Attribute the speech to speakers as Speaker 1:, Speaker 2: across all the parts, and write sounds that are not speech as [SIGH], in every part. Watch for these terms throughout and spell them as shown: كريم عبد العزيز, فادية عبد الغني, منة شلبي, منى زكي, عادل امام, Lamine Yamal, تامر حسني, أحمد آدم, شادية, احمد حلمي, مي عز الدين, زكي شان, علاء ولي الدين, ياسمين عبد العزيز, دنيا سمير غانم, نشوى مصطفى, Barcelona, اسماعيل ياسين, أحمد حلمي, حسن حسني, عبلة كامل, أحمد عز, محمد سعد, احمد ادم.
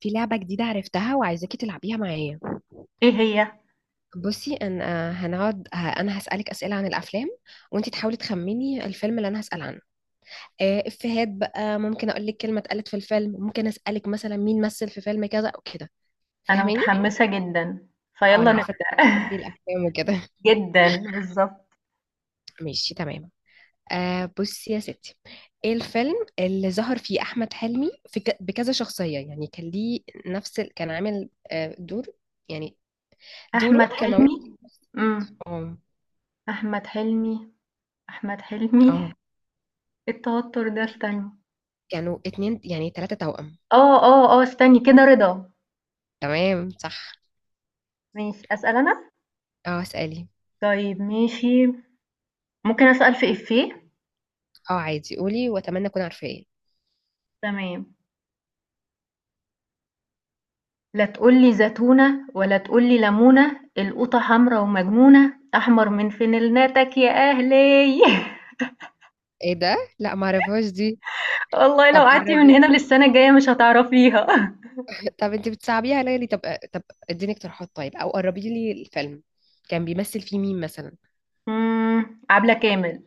Speaker 1: في لعبة جديدة عرفتها وعايزاكي تلعبيها معايا.
Speaker 2: إيه هي؟
Speaker 1: بصي انا هنقعد انا هسألك أسئلة عن الافلام، وانتي تحاولي تخميني الفيلم اللي انا هسأل عنه. افيهات بقى، ممكن اقول لك كلمة اتقالت في الفيلم، ممكن اسألك مثلا مين مثل في فيلم كذا او كده.
Speaker 2: أنا
Speaker 1: فاهماني؟
Speaker 2: متحمسة جدًا،
Speaker 1: اه
Speaker 2: فيالّا
Speaker 1: انا عارفة
Speaker 2: نبدأ.
Speaker 1: بتحبي
Speaker 2: [LAUGHS]
Speaker 1: الافلام وكده.
Speaker 2: جدًا، بالضبط.
Speaker 1: [LAUGHS] ماشي تمام. بصي يا ستي، ايه الفيلم اللي ظهر فيه احمد حلمي في بكذا شخصية؟ يعني كان ليه نفس كان عامل دور، يعني
Speaker 2: أحمد
Speaker 1: دوره كان موجود.
Speaker 2: حلمي. إمم.
Speaker 1: اه.
Speaker 2: أحمد حلمي، أحمد حلمي
Speaker 1: اه
Speaker 2: إيه التوتر ده استني.
Speaker 1: كانوا اتنين، يعني تلاتة توأم.
Speaker 2: آه، آه، آه، استني كده رضا.
Speaker 1: تمام صح.
Speaker 2: ماشي، أسأل أنا؟
Speaker 1: اه اسألي.
Speaker 2: طيب ماشي، ممكن أسأل في إيفيه؟
Speaker 1: اه عادي قولي، واتمنى اكون عارفة ايه.
Speaker 2: تمام. لا تقول لي زتونة ولا تقول لي لمونة، القوطة حمرا ومجنونة، أحمر من فانلتك يا أهلي. [LAUGHS]
Speaker 1: ايه ده؟ لا ما اعرفهاش دي.
Speaker 2: والله لو
Speaker 1: طب
Speaker 2: قعدتِ من
Speaker 1: قربي.
Speaker 2: هنا للسنة الجاية مش هتعرفيها.
Speaker 1: [LAUGHS] طب انت بتصعبيها عليا ليه؟ طب، طب اديني اقتراحات طيب، او قربي لي الفيلم، كان بيمثل فيه مين مثلا؟
Speaker 2: عبلة كامل،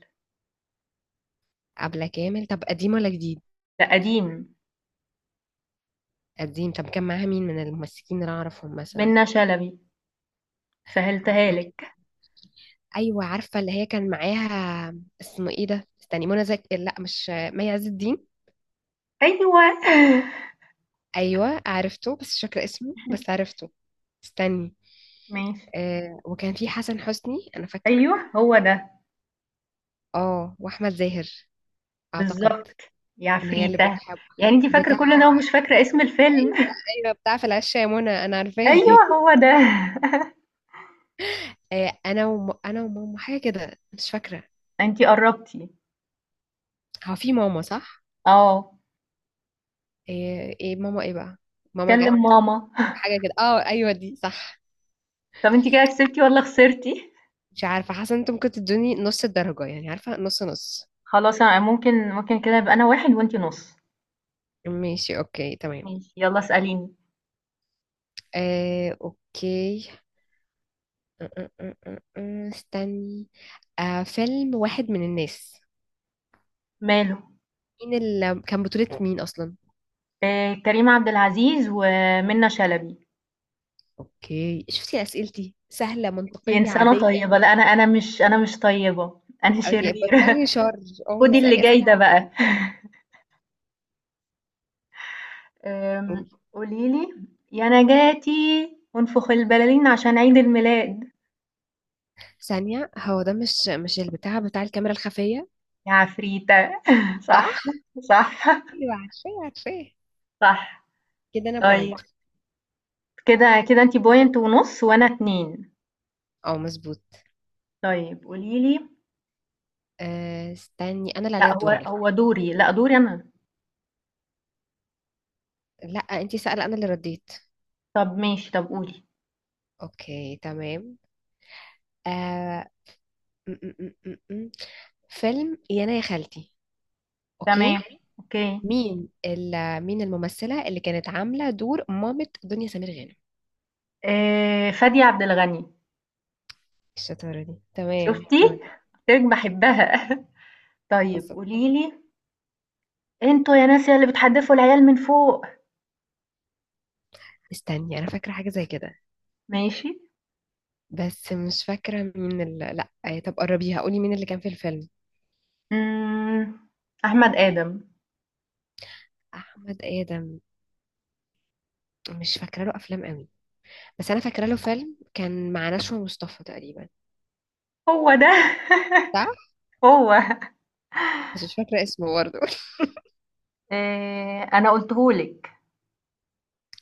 Speaker 1: عبلة كامل؟ طب قديم ولا جديد؟
Speaker 2: ده قديم،
Speaker 1: قديم؟ طب كان معاها مين من الممثلين اللي أنا اعرفهم مثلا؟
Speaker 2: منة شلبي، سهلتها
Speaker 1: عبلة كامل،
Speaker 2: لِك،
Speaker 1: ايوه عارفة اللي هي كان معاها. اسمه ايه ده؟ استني، منى زكي، لا، مش مي عز الدين.
Speaker 2: أيوه، [LAUGHS]
Speaker 1: ايوه عرفته، بس مش فاكره اسمه، بس عرفته. استني.
Speaker 2: ماشي،
Speaker 1: وكان في حسن حسني انا فاكره.
Speaker 2: أيوه هو ده،
Speaker 1: اه، واحمد زاهر اعتقد،
Speaker 2: بالضبط، يا
Speaker 1: ان هي اللي
Speaker 2: عفريتة،
Speaker 1: بتحب
Speaker 2: يعني أنتِ فاكرة
Speaker 1: بتاع.
Speaker 2: كل ده ومش فاكرة اسم الفيلم.
Speaker 1: ايوه
Speaker 2: [LAUGHS]
Speaker 1: ايوه، بتاع في العشة يا منى، انا عارفاه.
Speaker 2: أيوه هو
Speaker 1: [LAUGHS]
Speaker 2: ده، [LAUGHS]
Speaker 1: انا وماما، حاجه كده مش فاكره.
Speaker 2: أنتِ قربتِ،
Speaker 1: هو في ماما صح؟
Speaker 2: آه،
Speaker 1: ايه إيه ماما ايه بقى؟ ماما
Speaker 2: كلم
Speaker 1: جت،
Speaker 2: ماما. [LAUGHS]
Speaker 1: حاجه كده، اه ايوه دي صح.
Speaker 2: طب أنتِ كده كسبتِ والّا خسرتِ؟
Speaker 1: مش عارفه، حاسه انت ممكن تدوني نص الدرجه، يعني عارفه، نص نص.
Speaker 2: خلاص أنا ممكن كده يبقى أنا 1 وأنتِ نُص،
Speaker 1: ماشي اوكي تمام.
Speaker 2: ماشي، يالّا اسأليني،
Speaker 1: اوكي. أم- أم- أم- أم. استني. فيلم واحد من الناس،
Speaker 2: ماله؟
Speaker 1: مين اللي كان بطولة، مين أصلا؟
Speaker 2: كريم عبد العزيز ومنة شلبي.
Speaker 1: أوكي، شفتي أسئلتي سهلة
Speaker 2: دي
Speaker 1: منطقية
Speaker 2: إنسانة
Speaker 1: عادية.
Speaker 2: طيبة، لأ أنا مش طيبة، أنا
Speaker 1: أي
Speaker 2: شريرة.
Speaker 1: بطلي شر،
Speaker 2: [LAUGHS]
Speaker 1: أو
Speaker 2: خدي اللي
Speaker 1: اسألي
Speaker 2: جاي ده
Speaker 1: أسئلة
Speaker 2: بقى. آمم،
Speaker 1: عادية.
Speaker 2: قولي لي يا نجاتي انفخ البلالين عشان عيد الميلاد
Speaker 1: ثانية، هو ده مش، مش البتاع بتاع الكاميرا الخفية؟
Speaker 2: يا عفريتة. [LAUGHS]
Speaker 1: صح؟
Speaker 2: صح، صح،
Speaker 1: أيوة عارفاه عارفاه.
Speaker 2: صح.
Speaker 1: كده أنا
Speaker 2: طيب
Speaker 1: بوينت.
Speaker 2: كده كده أنتِ point ونُص وأنا 2.
Speaker 1: أه مظبوط.
Speaker 2: طيب قولي لي،
Speaker 1: استني، أنا اللي عليا
Speaker 2: لأ
Speaker 1: الدور
Speaker 2: هو
Speaker 1: على فكرة.
Speaker 2: هو دوري، لأ دوري أنا.
Speaker 1: لأ أنتي سألة أنا اللي رديت.
Speaker 2: طب ماشي، طب قولي.
Speaker 1: أوكي تمام. آه، م- م- م- م- م. فيلم يا أنا يا خالتي.
Speaker 2: تمام،
Speaker 1: اوكي.
Speaker 2: أوكي.
Speaker 1: مين الممثلة اللي كانت عاملة دور مامة دنيا سمير غانم؟
Speaker 2: فادية عبد الغني،
Speaker 1: الشطارة دي، تمام
Speaker 2: شُفتِ؟
Speaker 1: تمام.
Speaker 2: قُلت لِك باحبها. [LAUGHS] طيب
Speaker 1: بصت،
Speaker 2: قولي لي، انتوا يا ناس يا اللي بتحدفوا العيال من فوق.
Speaker 1: استني انا فاكرة حاجة زي كده،
Speaker 2: ماشي.
Speaker 1: بس مش فاكرة لا طب قربيها، قولي مين اللي كان في الفيلم.
Speaker 2: امم احمد ادم
Speaker 1: احمد ادم؟ مش فاكرة له افلام قوي، بس انا فاكرة له فيلم كان مع نشوى مصطفى تقريبا.
Speaker 2: هو ده.
Speaker 1: صح؟
Speaker 2: [LAUGHS] هو
Speaker 1: بس مش فاكرة اسمه برضه. [LAUGHS]
Speaker 2: إيه، انا قلتهولك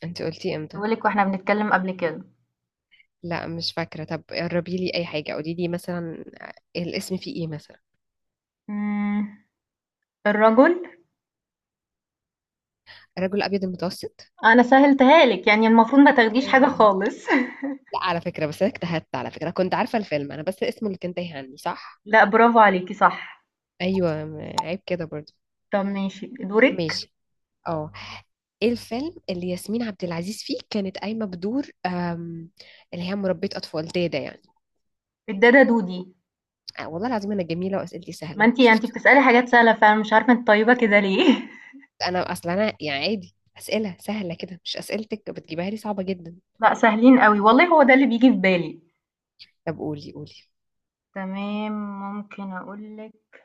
Speaker 1: انت قلتي امتى؟
Speaker 2: قلتهولك واحنا بنتكلم قبل كده.
Speaker 1: لا مش فاكرة، طب قربي لي اي حاجة، قولي لي مثلا الاسم فيه ايه مثلا.
Speaker 2: امم الرجل.
Speaker 1: الرجل الابيض المتوسط؟
Speaker 2: انا سهلتها لك يعني المفروض ما تاخديش حاجة
Speaker 1: ايوه،
Speaker 2: خالص.
Speaker 1: لا على فكرة، بس انا اجتهدت على فكرة، كنت عارفة الفيلم انا، بس اسمه اللي كان تايه عني، صح؟
Speaker 2: [LAUGHS] لا برافو عليكي، صح.
Speaker 1: ايوه عيب كده برضو.
Speaker 2: طب ماشي دورك.
Speaker 1: ماشي. اه، ايه الفيلم اللي ياسمين عبد العزيز فيه كانت قايمة بدور اللي هي مربية اطفال، دادا يعني؟
Speaker 2: الدادا دودي.
Speaker 1: والله العظيم انا جميلة واسئلتي
Speaker 2: ما
Speaker 1: سهلة،
Speaker 2: انتي يعني انتي
Speaker 1: شفت؟
Speaker 2: بتسألي حاجات سهلة، فانا مش عارفة انت طيبة كده ليه.
Speaker 1: انا اصلا انا يعني عادي اسئلة سهلة كده، مش اسئلتك بتجيبها لي صعبة جدا.
Speaker 2: [LAUGHS] لا سهلين قوي والله، هو ده اللي بيجي في بالي.
Speaker 1: طب قولي قولي.
Speaker 2: تمام، ممكن أقول لِك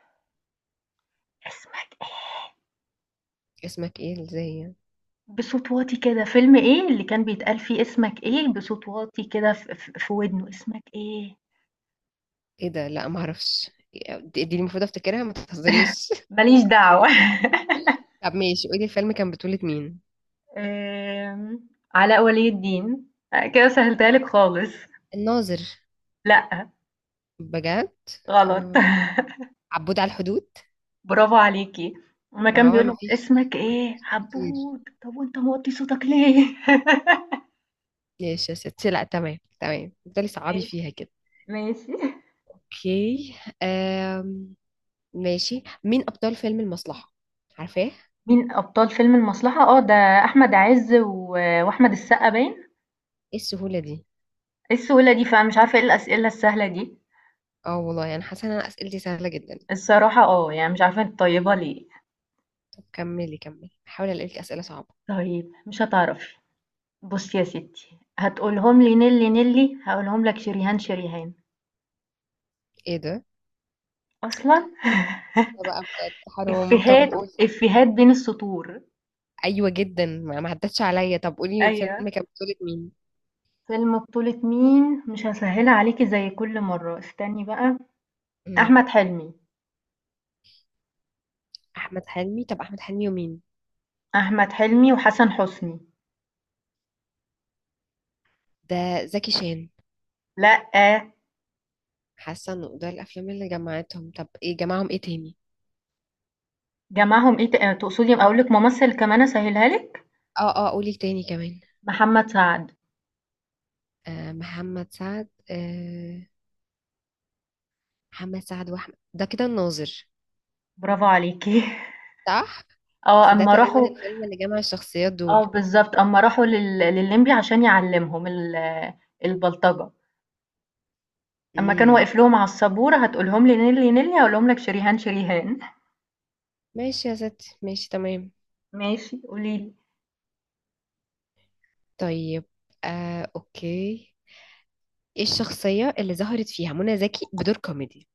Speaker 2: اسمك إيه؟
Speaker 1: اسمك ايه ازاي يعني؟
Speaker 2: بصوت واطي كده، فيلم إيه اللي كان بيتقال فيه اسمك إيه بصوت واطي كده ف ف في ودنه، اسمك إيه؟
Speaker 1: ايه ده؟ لا ما اعرفش، دي دي المفروض افتكرها، ما تهزريش.
Speaker 2: ما ليش دعوة. [LAUGHS]
Speaker 1: [LAUGHS] طب ماشي، قولي الفيلم كان بطولة مين.
Speaker 2: آمم، علاء ولي الدين، كده سهلتها لِك خالص،
Speaker 1: الناظر؟
Speaker 2: لأ،
Speaker 1: بجد؟
Speaker 2: غلط. [LAUGHS]
Speaker 1: آه، عبود على الحدود.
Speaker 2: برافو عليكِ، أمّا
Speaker 1: ما
Speaker 2: كان
Speaker 1: هو
Speaker 2: بيقول له
Speaker 1: مفيش،
Speaker 2: اسمك إيه؟
Speaker 1: مفيش كتير.
Speaker 2: عبود، طب وأنت موطّي صوتك ليه؟
Speaker 1: ماشي يا ستي، لا تمام تمام، تفضلي
Speaker 2: [LAUGHS]
Speaker 1: صعبي
Speaker 2: ماشي،
Speaker 1: فيها كده.
Speaker 2: ماشي.
Speaker 1: اوكي. آم، ماشي، مين ابطال فيلم المصلحة؟ عارفاه.
Speaker 2: مين أبطال فيلم المصلحة؟ ده أحمد عز وأحمد السقا باين؟
Speaker 1: ايه السهولة دي؟
Speaker 2: إيه السهولة دي فعلًا مش عارفة إيه الأسئلة السهلة دي،
Speaker 1: اه والله، يعني حاسة ان انا اسئلتي سهلة جدا.
Speaker 2: الصراحة آه، يعني مش عارفة أنتِ طيبة ليه.
Speaker 1: طب كملي كملي، هحاول الاقي لك اسئلة صعبة.
Speaker 2: طيب مش هتعرفي، بُصّي يا ستّي هتقولهم لي نيلي، نيلي، هاقولهم لك شريهان، شريهان.
Speaker 1: ايه ده؟
Speaker 2: أصلًا.
Speaker 1: ده
Speaker 2: [LAUGHS]
Speaker 1: بقى بجد حرام، طب
Speaker 2: إفيهات،
Speaker 1: قولي.
Speaker 2: إفيهات بين السطور.
Speaker 1: ايوه جدا، ما ما عدتش عليا، طب قولي
Speaker 2: أيوه.
Speaker 1: فيلم كان بطولة مين.
Speaker 2: فيلم بطولة مين؟ مش هاسهّلها عليكِ زي كل مرّة، استني بقى،
Speaker 1: مم.
Speaker 2: أحمد حلمي،
Speaker 1: احمد حلمي؟ طب احمد حلمي ومين؟
Speaker 2: أحمد حلمي وحسن حسني.
Speaker 1: ده زكي شان؟
Speaker 2: لأ،
Speaker 1: حاسة انه ده الافلام اللي جمعتهم، طب ايه جمعهم ايه تاني؟
Speaker 2: جمعهم إيه، تقصدي أقول لِك ممثل كمان أسهّلها لِك؟
Speaker 1: اه اه قولي تاني كمان.
Speaker 2: محمد سعد.
Speaker 1: محمد سعد، محمد سعد واحمد، ده كده الناظر؟
Speaker 2: برافو عليكِ. [LAUGHS]
Speaker 1: صح،
Speaker 2: آه،
Speaker 1: بس ده
Speaker 2: أمّا
Speaker 1: تقريبا
Speaker 2: راحوا
Speaker 1: الفيلم اللي جمع الشخصيات
Speaker 2: آه
Speaker 1: دول.
Speaker 2: بالضبط، أمّا راحوا لللمبي عشان يعلّمهم البلطجة، أمّا كان
Speaker 1: امم.
Speaker 2: واقف لهم على السبورة "هتقولهم لي نيلي، نيلي، هاقولهم لك شريهان، شريهان." [LAUGHS]
Speaker 1: ماشي يا ستي، ماشي تمام.
Speaker 2: ماشي، قولي لي.
Speaker 1: طيب، اوكي، ايه الشخصية اللي ظهرت فيها منى زكي بدور كوميدي؟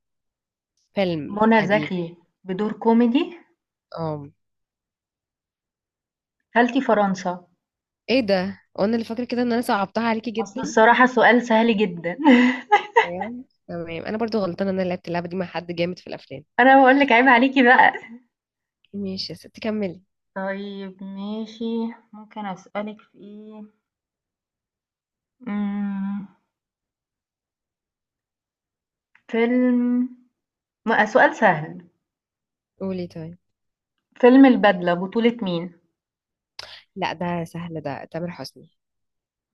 Speaker 1: فيلم
Speaker 2: منى
Speaker 1: قديم.
Speaker 2: زكي بدور كوميدي،
Speaker 1: اه؟
Speaker 2: خالتي فرنسا،
Speaker 1: ايه ده؟ وانا اللي فاكرة كده ان انا صعبتها عليكي
Speaker 2: أصل
Speaker 1: جدا.
Speaker 2: الصراحة سؤال سهل جدًا. [LAUGHS]
Speaker 1: تمام تمام، انا برضو غلطانة ان انا لعبت اللعبة دي مع حد جامد في الافلام.
Speaker 2: أنا باقول لِك عيب عليكِ بقى.
Speaker 1: ماشي يا ستي كملي.
Speaker 2: طيب ماشي، ممكن أسألِك في إيه؟ إمم، فيلم سؤال سهل،
Speaker 1: قولي طيب.
Speaker 2: فيلم البدلة بطولة مين؟
Speaker 1: لا ده سهل، ده تامر حسني.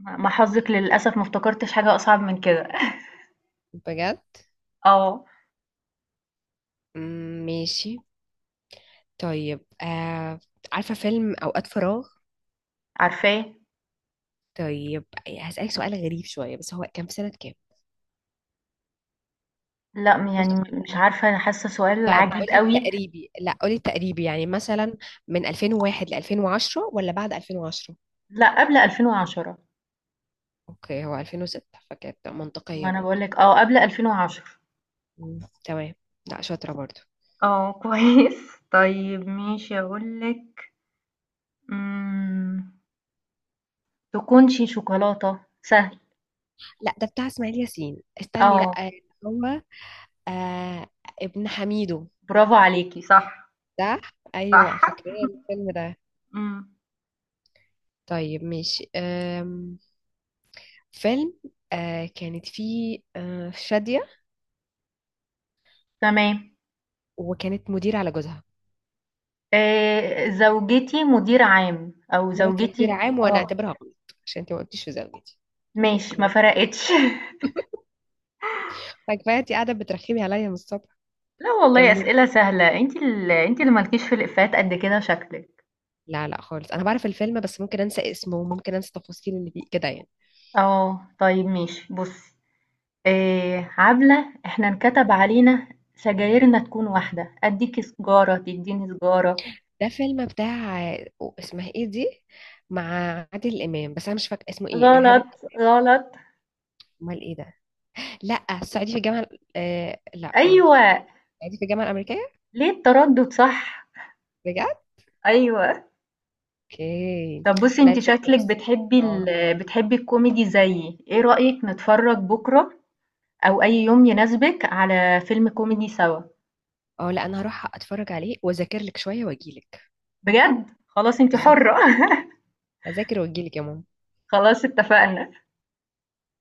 Speaker 2: ما حظِك للأسف ما افتكرتش حاجة أصعب من كده.
Speaker 1: بجد؟
Speaker 2: آه،
Speaker 1: مم، ماشي. طيب عارفة فيلم أوقات فراغ؟
Speaker 2: عارفاه.
Speaker 1: طيب، هسألك سؤال غريب شوية، بس هو كان في سنة كام؟
Speaker 2: لأ، يعني
Speaker 1: قلت،
Speaker 2: مش عارفة أنا حاسة سؤال
Speaker 1: طيب
Speaker 2: عجيب
Speaker 1: قولي
Speaker 2: أوي.
Speaker 1: التقريبي، لا قولي التقريبي، يعني مثلا من 2001 ل 2010 ولا بعد 2010؟
Speaker 2: لأ، قبل 2010.
Speaker 1: اوكي، هو 2006، فكانت
Speaker 2: ما
Speaker 1: منطقية
Speaker 2: أنا باقول
Speaker 1: برضو.
Speaker 2: لِك آه، قبل 2010.
Speaker 1: مم، تمام. لا شاطرة برضو.
Speaker 2: آه، كويس. [LAUGHS] طيب ماشي أقول لِك، إمم، تكونشي شوكولاتة، سهل.
Speaker 1: لا ده بتاع اسماعيل ياسين، استني،
Speaker 2: آه،
Speaker 1: لا، هو آه ابن حميدو.
Speaker 2: برافو عليكِ، صح،
Speaker 1: صح؟ ايوه
Speaker 2: صح.
Speaker 1: فاكرة الفيلم ده.
Speaker 2: إمم،
Speaker 1: طيب ماشي، فيلم أه كانت فيه أه شادية،
Speaker 2: تمام.
Speaker 1: وكانت مدير على جوزها.
Speaker 2: زوجتي مدير عام أو
Speaker 1: مراتي مدير
Speaker 2: زوجتي.
Speaker 1: عام، وانا
Speaker 2: آه،
Speaker 1: اعتبرها غلط، عشان انت ما قلتيش في زوجتي، انت
Speaker 2: ماشي
Speaker 1: قلتي
Speaker 2: ما
Speaker 1: مراتي،
Speaker 2: فرقتش. [LAUGHS]
Speaker 1: فكفايه انت قاعده بترخمي عليا من الصبح.
Speaker 2: لا والله
Speaker 1: كملي،
Speaker 2: أسئلة سهلة، انت اللي مالكيش في الإفيهات قد كده شكلك.
Speaker 1: لا لا خالص، انا بعرف الفيلم، بس ممكن انسى اسمه وممكن انسى التفاصيل اللي فيه كده يعني.
Speaker 2: اه طيب ماشي بصي، إيه عبلة احنا انكتب علينا سجايرنا تكون واحدة اديكي سجارة تديني سجارة.
Speaker 1: ده فيلم بتاع، اسمها ايه دي، مع عادل امام، بس انا مش فاكره اسمه، ايه، الارهاب
Speaker 2: غلط غلط.
Speaker 1: امال ايه ده، لا الصعيدي في الجامعه، لا،
Speaker 2: ايوه.
Speaker 1: قاعدين في الجامعة الأمريكية.
Speaker 2: ليه التردد؟ صح؟
Speaker 1: بجد؟
Speaker 2: ايوه.
Speaker 1: اوكي.
Speaker 2: طب بصي
Speaker 1: لا
Speaker 2: انت
Speaker 1: يا ستي
Speaker 2: شكلك
Speaker 1: بس، اه
Speaker 2: بتحبي الكوميدي زيي، ايه رأيك نتفرج بكرة او اي يوم يناسبك على فيلم كوميدي سوا؟
Speaker 1: اه لا انا هروح اتفرج عليه واذاكر لك شوية واجيلك.
Speaker 2: بجد خلاص انت
Speaker 1: بالظبط،
Speaker 2: حرة.
Speaker 1: اذاكر واجيلك يا ماما.
Speaker 2: [LAUGHS] خلاص اتفقنا.